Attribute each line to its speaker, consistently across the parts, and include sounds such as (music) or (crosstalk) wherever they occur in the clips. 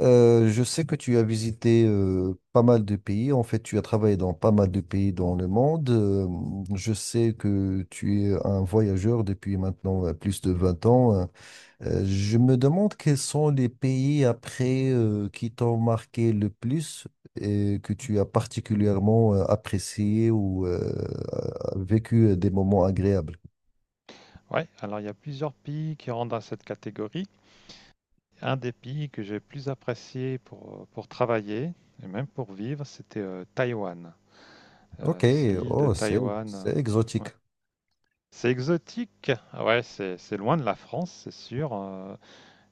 Speaker 1: Je sais que tu as visité pas mal de pays. En fait, tu as travaillé dans pas mal de pays dans le monde. Je sais que tu es un voyageur depuis maintenant plus de 20 ans. Je me demande quels sont les pays après qui t'ont marqué le plus et que tu as particulièrement apprécié ou vécu des moments agréables.
Speaker 2: Ouais, alors il y a plusieurs pays qui rentrent dans cette catégorie. Un des pays que j'ai plus apprécié pour travailler et même pour vivre, c'était Taïwan.
Speaker 1: Ok.
Speaker 2: C'est l'île de
Speaker 1: Oh, c'est
Speaker 2: Taïwan.
Speaker 1: c'est exotique.
Speaker 2: Ouais. C'est exotique. Ah ouais, c'est loin de la France, c'est sûr.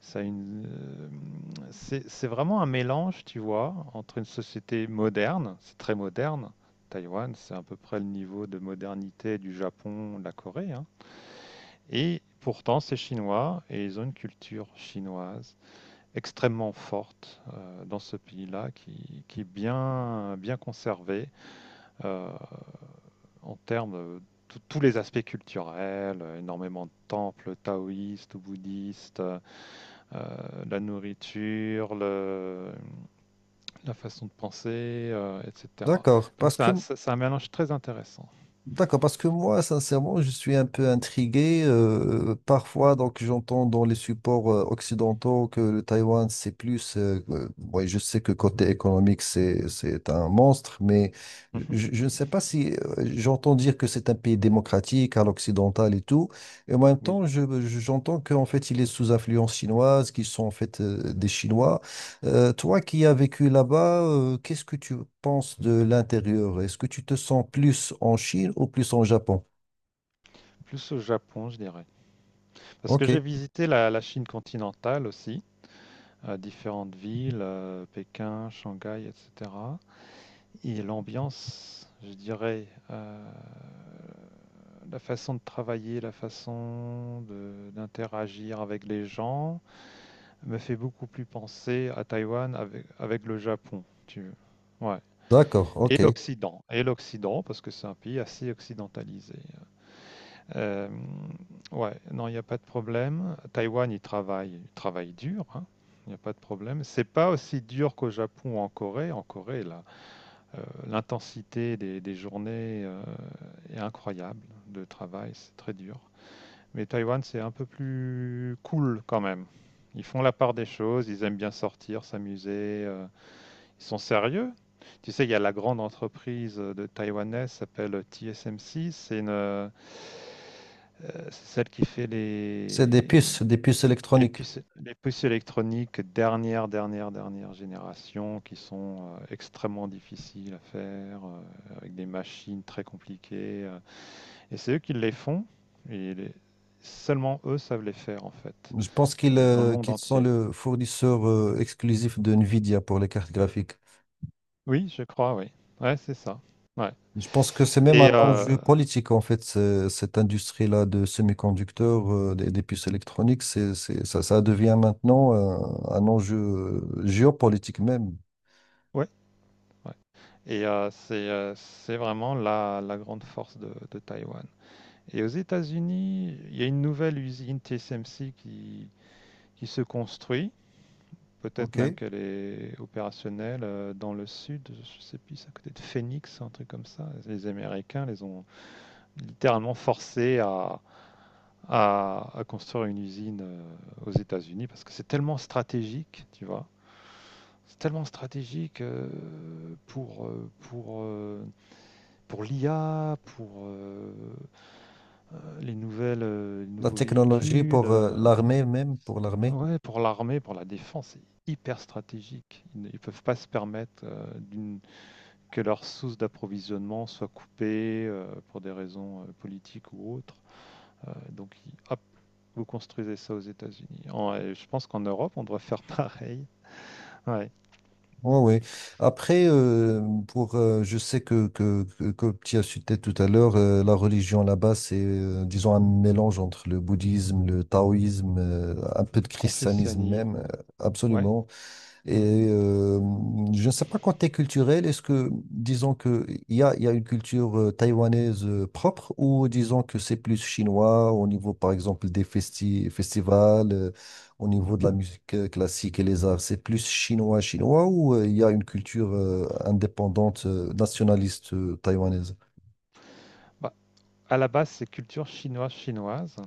Speaker 2: ça a une, euh, c'est vraiment un mélange, tu vois, entre une société moderne, c'est très moderne. Taïwan, c'est à peu près le niveau de modernité du Japon, de la Corée, hein. Et pourtant, c'est chinois et ils ont une culture chinoise extrêmement forte dans ce pays-là qui est bien, bien conservée euh, en termes de tous les aspects culturels, énormément de temples taoïstes ou bouddhistes, la nourriture, la façon de penser, etc.
Speaker 1: D'accord, parce que
Speaker 2: C'est un mélange très intéressant.
Speaker 1: D'accord, parce que moi, sincèrement, je suis un peu intrigué. Parfois, donc, j'entends dans les supports occidentaux que le Taïwan, c'est plus. Ouais, je sais que côté économique, c'est un monstre, mais
Speaker 2: Mhm.
Speaker 1: je ne sais pas si j'entends dire que c'est un pays démocratique à l'occidental et tout. Et en même
Speaker 2: Oui,
Speaker 1: temps, j'entends qu'en fait, il est sous influence chinoise, qu'ils sont en fait des Chinois. Toi qui as vécu là-bas, qu'est-ce que tu penses de l'intérieur? Est-ce que tu te sens plus en Chine ou plus en Japon?
Speaker 2: plus au Japon, je dirais. Parce que
Speaker 1: Ok,
Speaker 2: j'ai visité la Chine continentale aussi, à différentes villes, Pékin, Shanghai, etc. Et l'ambiance, je dirais, la façon de travailler, d'interagir avec les gens, me fait beaucoup plus penser à Taïwan avec, avec le Japon, si tu veux. Ouais.
Speaker 1: d'accord, ok.
Speaker 2: Et l'Occident, parce que c'est un pays assez occidentalisé. Euh, ouais, non, il n'y a pas de problème. Taïwan, ils travaillent dur, hein. Il n'y a pas de problème. C'est pas aussi dur qu'au Japon ou en Corée. En Corée, là, l'intensité des journées est incroyable de travail, c'est très dur. Mais Taïwan, c'est un peu plus cool quand même. Ils font la part des choses, ils aiment bien sortir, s'amuser, ils sont sérieux? Tu sais, il y a la grande entreprise de taïwanaise qui s'appelle TSMC, c'est celle qui fait
Speaker 1: C'est des puces électroniques.
Speaker 2: les puces électroniques dernière dernière génération qui sont extrêmement difficiles à faire, avec des machines très compliquées, et c'est eux qui les font et les- seulement eux savent les faire en fait,
Speaker 1: Je pense qu'ils
Speaker 2: dans le monde
Speaker 1: qu'ils sont
Speaker 2: entier.
Speaker 1: le fournisseur exclusif de Nvidia pour les cartes graphiques.
Speaker 2: Oui, je crois, oui. Ouais, c'est ça. Ouais.
Speaker 1: Je pense que c'est même
Speaker 2: Et
Speaker 1: un
Speaker 2: euh,
Speaker 1: enjeu politique, en fait, cette industrie-là de semi-conducteurs, des puces électroniques, ça devient maintenant un enjeu géopolitique même.
Speaker 2: ouais, Ouais. C'est vraiment la grande force de Taïwan. Et aux États-Unis, il y a une nouvelle usine TSMC qui se construit. Peut-être même
Speaker 1: Ok.
Speaker 2: qu'elle est opérationnelle, dans le sud, je sais plus, c'est à côté de Phoenix, un truc comme ça. Les Américains les ont littéralement forcés à, à construire une usine aux États-Unis parce que c'est tellement stratégique, tu vois. C'est tellement stratégique, pour, euh, pour euh, pour l'IA, les
Speaker 1: La
Speaker 2: nouveaux
Speaker 1: technologie
Speaker 2: véhicules,
Speaker 1: pour l'armée même, pour l'armée.
Speaker 2: ouais, pour l'armée, pour la défense, c'est hyper stratégique. Ils ne ils peuvent pas se permettre, que leur source d'approvisionnement soit coupée, pour des raisons politiques ou autres. Donc, hop, vous construisez ça aux États-Unis. Je pense qu'en Europe, on devrait faire (laughs) pareil. Ouais,
Speaker 1: Oui, oui. Après, pour, je sais que tu as cité tout à l'heure, la religion là-bas, c'est, disons, un mélange entre le bouddhisme, le taoïsme, un peu de christianisme même.
Speaker 2: confessionnalisme. Ouais.
Speaker 1: Absolument.
Speaker 2: Mm.
Speaker 1: Et euh, je ne sais pas quand tu culturel, est-ce que, disons que il y a une culture taïwanaise propre ou disons que c'est plus chinois au niveau, par exemple, des festivals, au niveau de la musique classique et les arts, c'est plus chinois ou il y a une culture indépendante, nationaliste taïwanaise?
Speaker 2: Bah, à la base, c'est culture chinoise chinoise.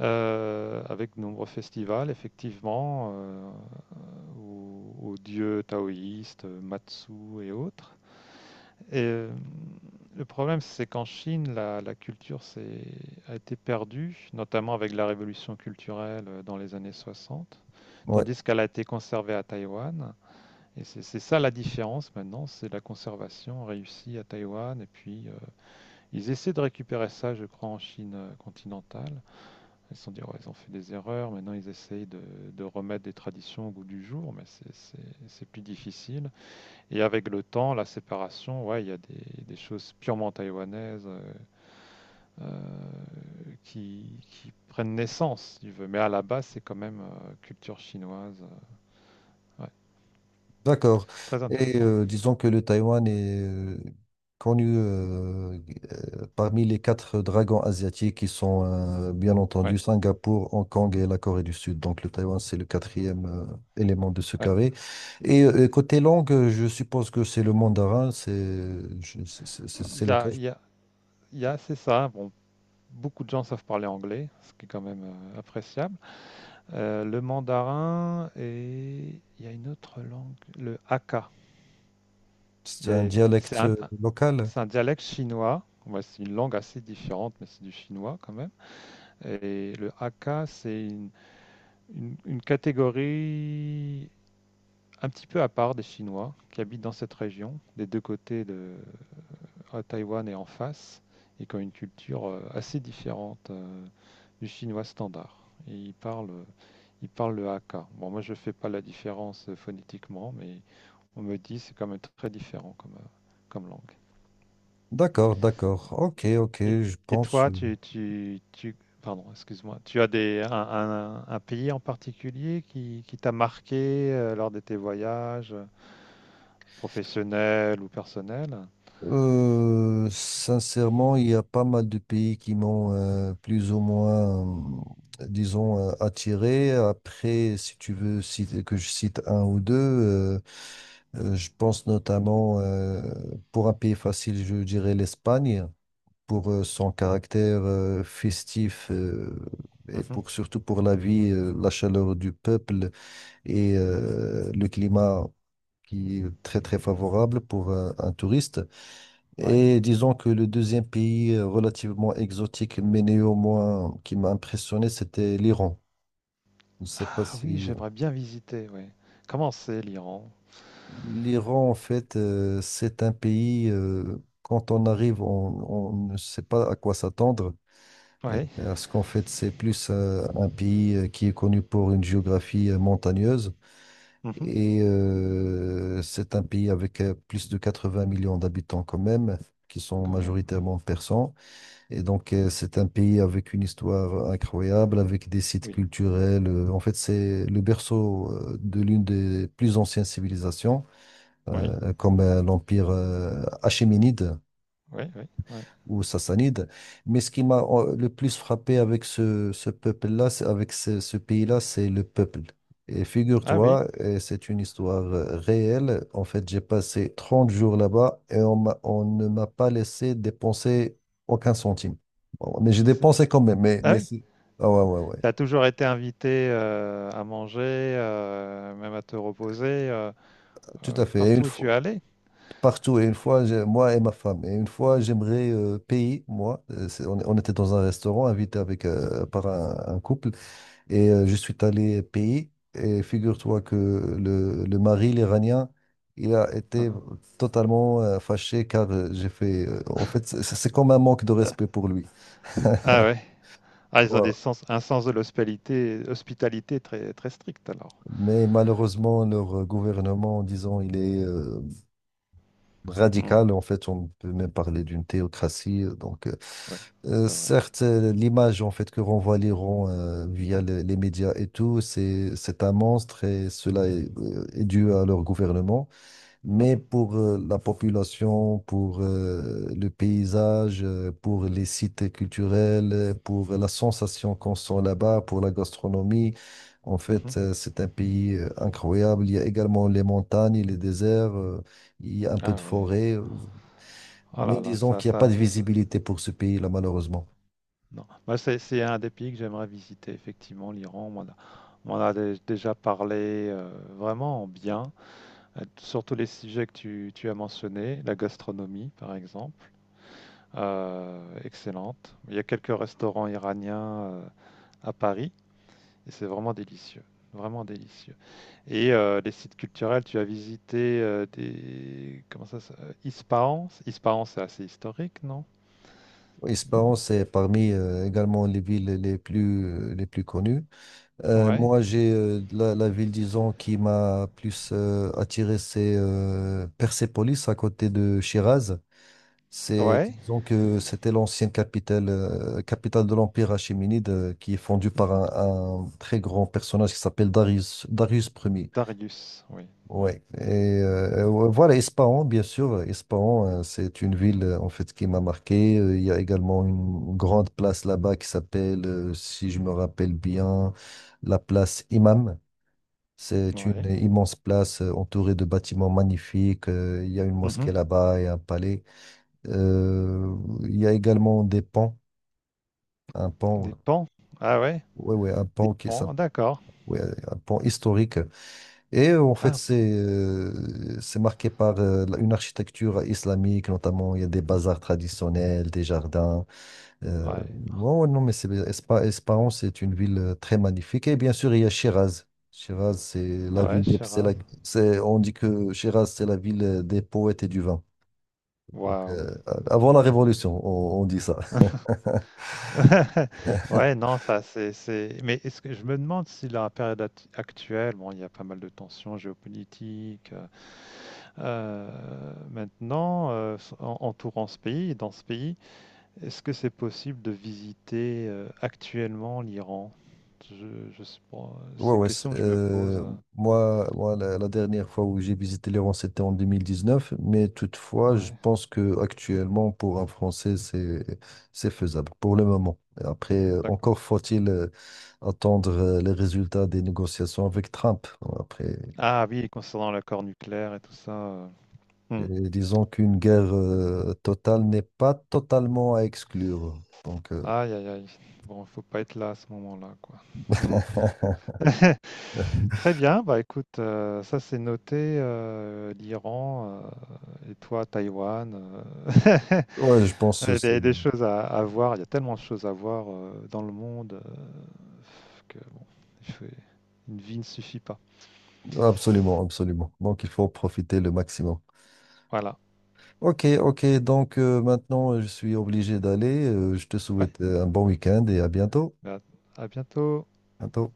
Speaker 2: Avec de nombreux festivals, effectivement, aux, aux dieux taoïstes, Matsu et autres. Et euh, le problème, c'est qu'en Chine, la culture a été perdue, notamment avec la révolution culturelle, dans les années 60,
Speaker 1: Ouais.
Speaker 2: tandis qu'elle a été conservée à Taïwan. Et c'est ça la différence maintenant, c'est la conservation réussie à Taïwan. Et puis, ils essaient de récupérer ça, je crois, en Chine continentale. Ils se sont dit, ouais, ils ont fait des erreurs, maintenant ils essayent de remettre des traditions au goût du jour, mais c'est plus difficile. Et avec le temps, la séparation, ouais, il y a des choses purement taïwanaises, euh, qui prennent naissance, si tu veux. Mais à la base, c'est quand même culture chinoise. Ouais.
Speaker 1: D'accord.
Speaker 2: Très
Speaker 1: Et
Speaker 2: intéressant.
Speaker 1: disons que le Taïwan est connu parmi les quatre dragons asiatiques qui sont bien entendu
Speaker 2: Ouais,
Speaker 1: Singapour, Hong Kong et la Corée du Sud. Donc le Taïwan, c'est le quatrième élément de ce
Speaker 2: ouais.
Speaker 1: carré. Et côté langue, je suppose que c'est le mandarin, c'est je-
Speaker 2: Il
Speaker 1: c'est
Speaker 2: y
Speaker 1: le cas.
Speaker 2: a, il y a- il y a- C'est ça. Bon, beaucoup de gens savent parler anglais, ce qui est quand même appréciable. Le mandarin, et il y a une autre langue, le Hakka.
Speaker 1: C'est
Speaker 2: Il y
Speaker 1: un
Speaker 2: a- C'est
Speaker 1: dialecte
Speaker 2: un,
Speaker 1: local.
Speaker 2: c'est un dialecte chinois. Ouais, c'est une langue assez différente, mais c'est du chinois quand même. Et le Hakka, c'est une catégorie un petit peu à part des Chinois qui habitent dans cette région, des deux côtés de, à Taïwan est en face, et qui ont une culture assez différente du chinois standard. Et ils parlent le Hakka. Bon, moi, je fais pas la différence phonétiquement, mais on me dit c'est quand même très différent comme, comme langue.
Speaker 1: D'accord, d'accord. Ok, ok,
Speaker 2: Et,
Speaker 1: je
Speaker 2: et
Speaker 1: pense.
Speaker 2: toi, pardon, excuse-moi, tu as un pays en particulier qui t'a marqué lors de tes voyages professionnels ou personnels?
Speaker 1: Sincèrement, il y a pas mal de pays qui m'ont plus ou moins, disons, attiré. Après, si tu veux citer- que je cite un ou deux, je pense notamment, pour un pays facile, je dirais l'Espagne, pour son caractère festif et surtout pour la vie, la chaleur du peuple et le climat qui est très, très favorable pour un touriste.
Speaker 2: Oui.
Speaker 1: Et disons que le deuxième pays relativement exotique, mais néanmoins qui m'a impressionné, c'était l'Iran. Je ne sais pas
Speaker 2: Ah oui,
Speaker 1: si...
Speaker 2: j'aimerais bien visiter, oui. Comment c'est l'Iran?
Speaker 1: L'Iran, en fait, c'est un pays, quand on arrive, on ne sait pas à quoi s'attendre,
Speaker 2: Oui.
Speaker 1: parce qu'en fait, c'est plus un pays qui est connu pour une géographie montagneuse,
Speaker 2: Mhm.
Speaker 1: et c'est un pays avec plus de 80 millions d'habitants quand même, qui sont
Speaker 2: Quand même.
Speaker 1: majoritairement persans. Et donc, c'est un pays avec une histoire incroyable, avec des sites
Speaker 2: Oui.
Speaker 1: culturels. En fait, c'est le berceau de l'une des plus anciennes civilisations,
Speaker 2: Oui.
Speaker 1: comme l'Empire achéménide
Speaker 2: Oui, oui, oui.
Speaker 1: ou sassanide. Mais ce qui m'a le plus frappé avec ce avec ce pays-là, c'est le peuple. Et
Speaker 2: Ah oui.
Speaker 1: figure-toi, et c'est une histoire réelle. En fait, j'ai passé 30 jours là-bas et on ne m'a pas laissé dépenser aucun centime. Bon, mais j'ai
Speaker 2: C'est-
Speaker 1: dépensé quand même. Mais,
Speaker 2: Ah oui.
Speaker 1: ah ouais, ouais, ouais,
Speaker 2: Tu as toujours été invité à manger, même à te reposer,
Speaker 1: tout à fait. Et une
Speaker 2: partout où tu es
Speaker 1: fois,
Speaker 2: allé.
Speaker 1: partout, et une fois, moi et ma femme, et une fois, j'aimerais payer, moi. On était dans un restaurant invité avec, par un couple. Et je suis allé payer. Et figure-toi que le mari, l'Iranien, il a été
Speaker 2: Mhm.
Speaker 1: totalement fâché car j'ai fait. En fait, c'est comme un manque de respect pour lui.
Speaker 2: Ah
Speaker 1: (laughs)
Speaker 2: ouais. Ah, ils ont
Speaker 1: Ouais.
Speaker 2: un sens de l'hospitalité, hospitalité très, très strict alors.
Speaker 1: Mais malheureusement, leur gouvernement, disons, il est
Speaker 2: Mm.
Speaker 1: radical. En fait, on peut même parler d'une théocratie.
Speaker 2: Oui, c'est vrai.
Speaker 1: Certes, l'image en fait que renvoie l'Iran via les médias et tout, c'est un monstre et cela est dû à leur gouvernement. Mais
Speaker 2: Mhm.
Speaker 1: pour la population, pour le paysage, pour les sites culturels, pour la sensation qu'on sent là-bas, pour la gastronomie, en
Speaker 2: Mhm.
Speaker 1: fait, c'est un pays incroyable. Il y a également les montagnes, les déserts, il y a un peu
Speaker 2: Ah
Speaker 1: de
Speaker 2: oui.
Speaker 1: forêt,
Speaker 2: Oh
Speaker 1: mais
Speaker 2: là là,
Speaker 1: disons
Speaker 2: ça,
Speaker 1: qu'il n'y a pas
Speaker 2: ça,
Speaker 1: de visibilité pour ce pays-là, malheureusement.
Speaker 2: Non. Moi, c'est un des pays que j'aimerais visiter, effectivement, l'Iran. On m'en a déjà parlé, vraiment en bien, sur les sujets que tu as mentionnés, la gastronomie, par exemple, excellente. Il y a quelques restaurants iraniens à Paris, et c'est vraiment délicieux, vraiment délicieux. Les sites culturels, tu as visité des... Comment ça, Ispahan? Ispahan, c'est assez historique, non?
Speaker 1: Espérance est parmi également les villes les plus connues.
Speaker 2: Ouais.
Speaker 1: Moi, j'ai la ville, disons, qui m'a plus attiré, c'est Persépolis, à côté de Shiraz. C'est,
Speaker 2: Ouais. (laughs)
Speaker 1: disons que c'était l'ancienne capitale, capitale de l'Empire achéménide, qui est fondue par
Speaker 2: Mhm.
Speaker 1: un très grand personnage qui s'appelle Darius, Darius Ier.
Speaker 2: Darius, oui. Ouais.
Speaker 1: Ouais. Et voilà, Ispahan, bien sûr. Ispahan, c'est une ville, en fait, qui m'a marqué. Il y a également une grande place là-bas qui s'appelle, si je me rappelle bien, la place Imam. C'est une
Speaker 2: Ouais.
Speaker 1: immense place entourée de bâtiments magnifiques. Il y a une
Speaker 2: Mhm.
Speaker 1: mosquée là-bas et un palais. Euh, il y a également des ponts, un pont,
Speaker 2: Des pans. Ah ouais,
Speaker 1: ouais, ouais, un
Speaker 2: des
Speaker 1: pont qui est s'app-
Speaker 2: pans, d'accord.
Speaker 1: ouais, un pont historique. Et en fait,
Speaker 2: Ah,
Speaker 1: c'est marqué par une architecture islamique, notamment il y a des bazars traditionnels, des jardins. Euh,
Speaker 2: ouais.
Speaker 1: ouais, ouais, non, mais Espahan, c'est une ville très magnifique. Et bien sûr, il y a Shiraz. Shiraz, c'est la
Speaker 2: Ouais,
Speaker 1: ville des, c'est la-
Speaker 2: Shiraz.
Speaker 1: c'est- on dit que Shiraz, c'est la ville des poètes et du vin. Donc,
Speaker 2: Waouh.
Speaker 1: avant la Révolution, on dit ça.
Speaker 2: (laughs) Ouais,
Speaker 1: (laughs)
Speaker 2: non, ça c'est mais est-ce que je me demande si la période actuelle, bon, il y a pas mal de tensions géopolitiques, maintenant, entourant ce pays, dans ce pays, est-ce que c'est possible de visiter actuellement l'Iran? Je sais pas,
Speaker 1: Ouais,
Speaker 2: c'est une
Speaker 1: ouais.
Speaker 2: question que je me pose.
Speaker 1: Moi la, la dernière fois où j'ai visité l'Iran, c'était en 2019. Mais toutefois, je
Speaker 2: Ouais,
Speaker 1: pense que actuellement, pour un Français, c'est faisable pour le moment. Et après,
Speaker 2: d'accord.
Speaker 1: encore faut-il attendre les résultats des négociations avec Trump. Après,
Speaker 2: Ah oui, concernant l'accord nucléaire et tout ça. Hmm.
Speaker 1: disons qu'une guerre totale n'est pas totalement à exclure. Donc,
Speaker 2: Aïe, aïe, aïe. Bon, faut pas être là à ce moment-là, quoi. Hmm.
Speaker 1: (laughs)
Speaker 2: (laughs) Très bien, bah écoute, ça c'est noté, l'Iran et toi, Taïwan.
Speaker 1: ouais, je pense
Speaker 2: (laughs) Il y
Speaker 1: que
Speaker 2: a
Speaker 1: c'est
Speaker 2: des choses à voir, il y a tellement de choses à voir dans le monde, que bon, il faut- une vie ne suffit pas.
Speaker 1: absolument, absolument. Donc, il faut en profiter le maximum.
Speaker 2: Voilà.
Speaker 1: Ok, ok. Donc maintenant, je suis obligé d'aller. Je te
Speaker 2: Ouais,
Speaker 1: souhaite un bon week-end et à bientôt.
Speaker 2: bah, à bientôt.
Speaker 1: Bientôt.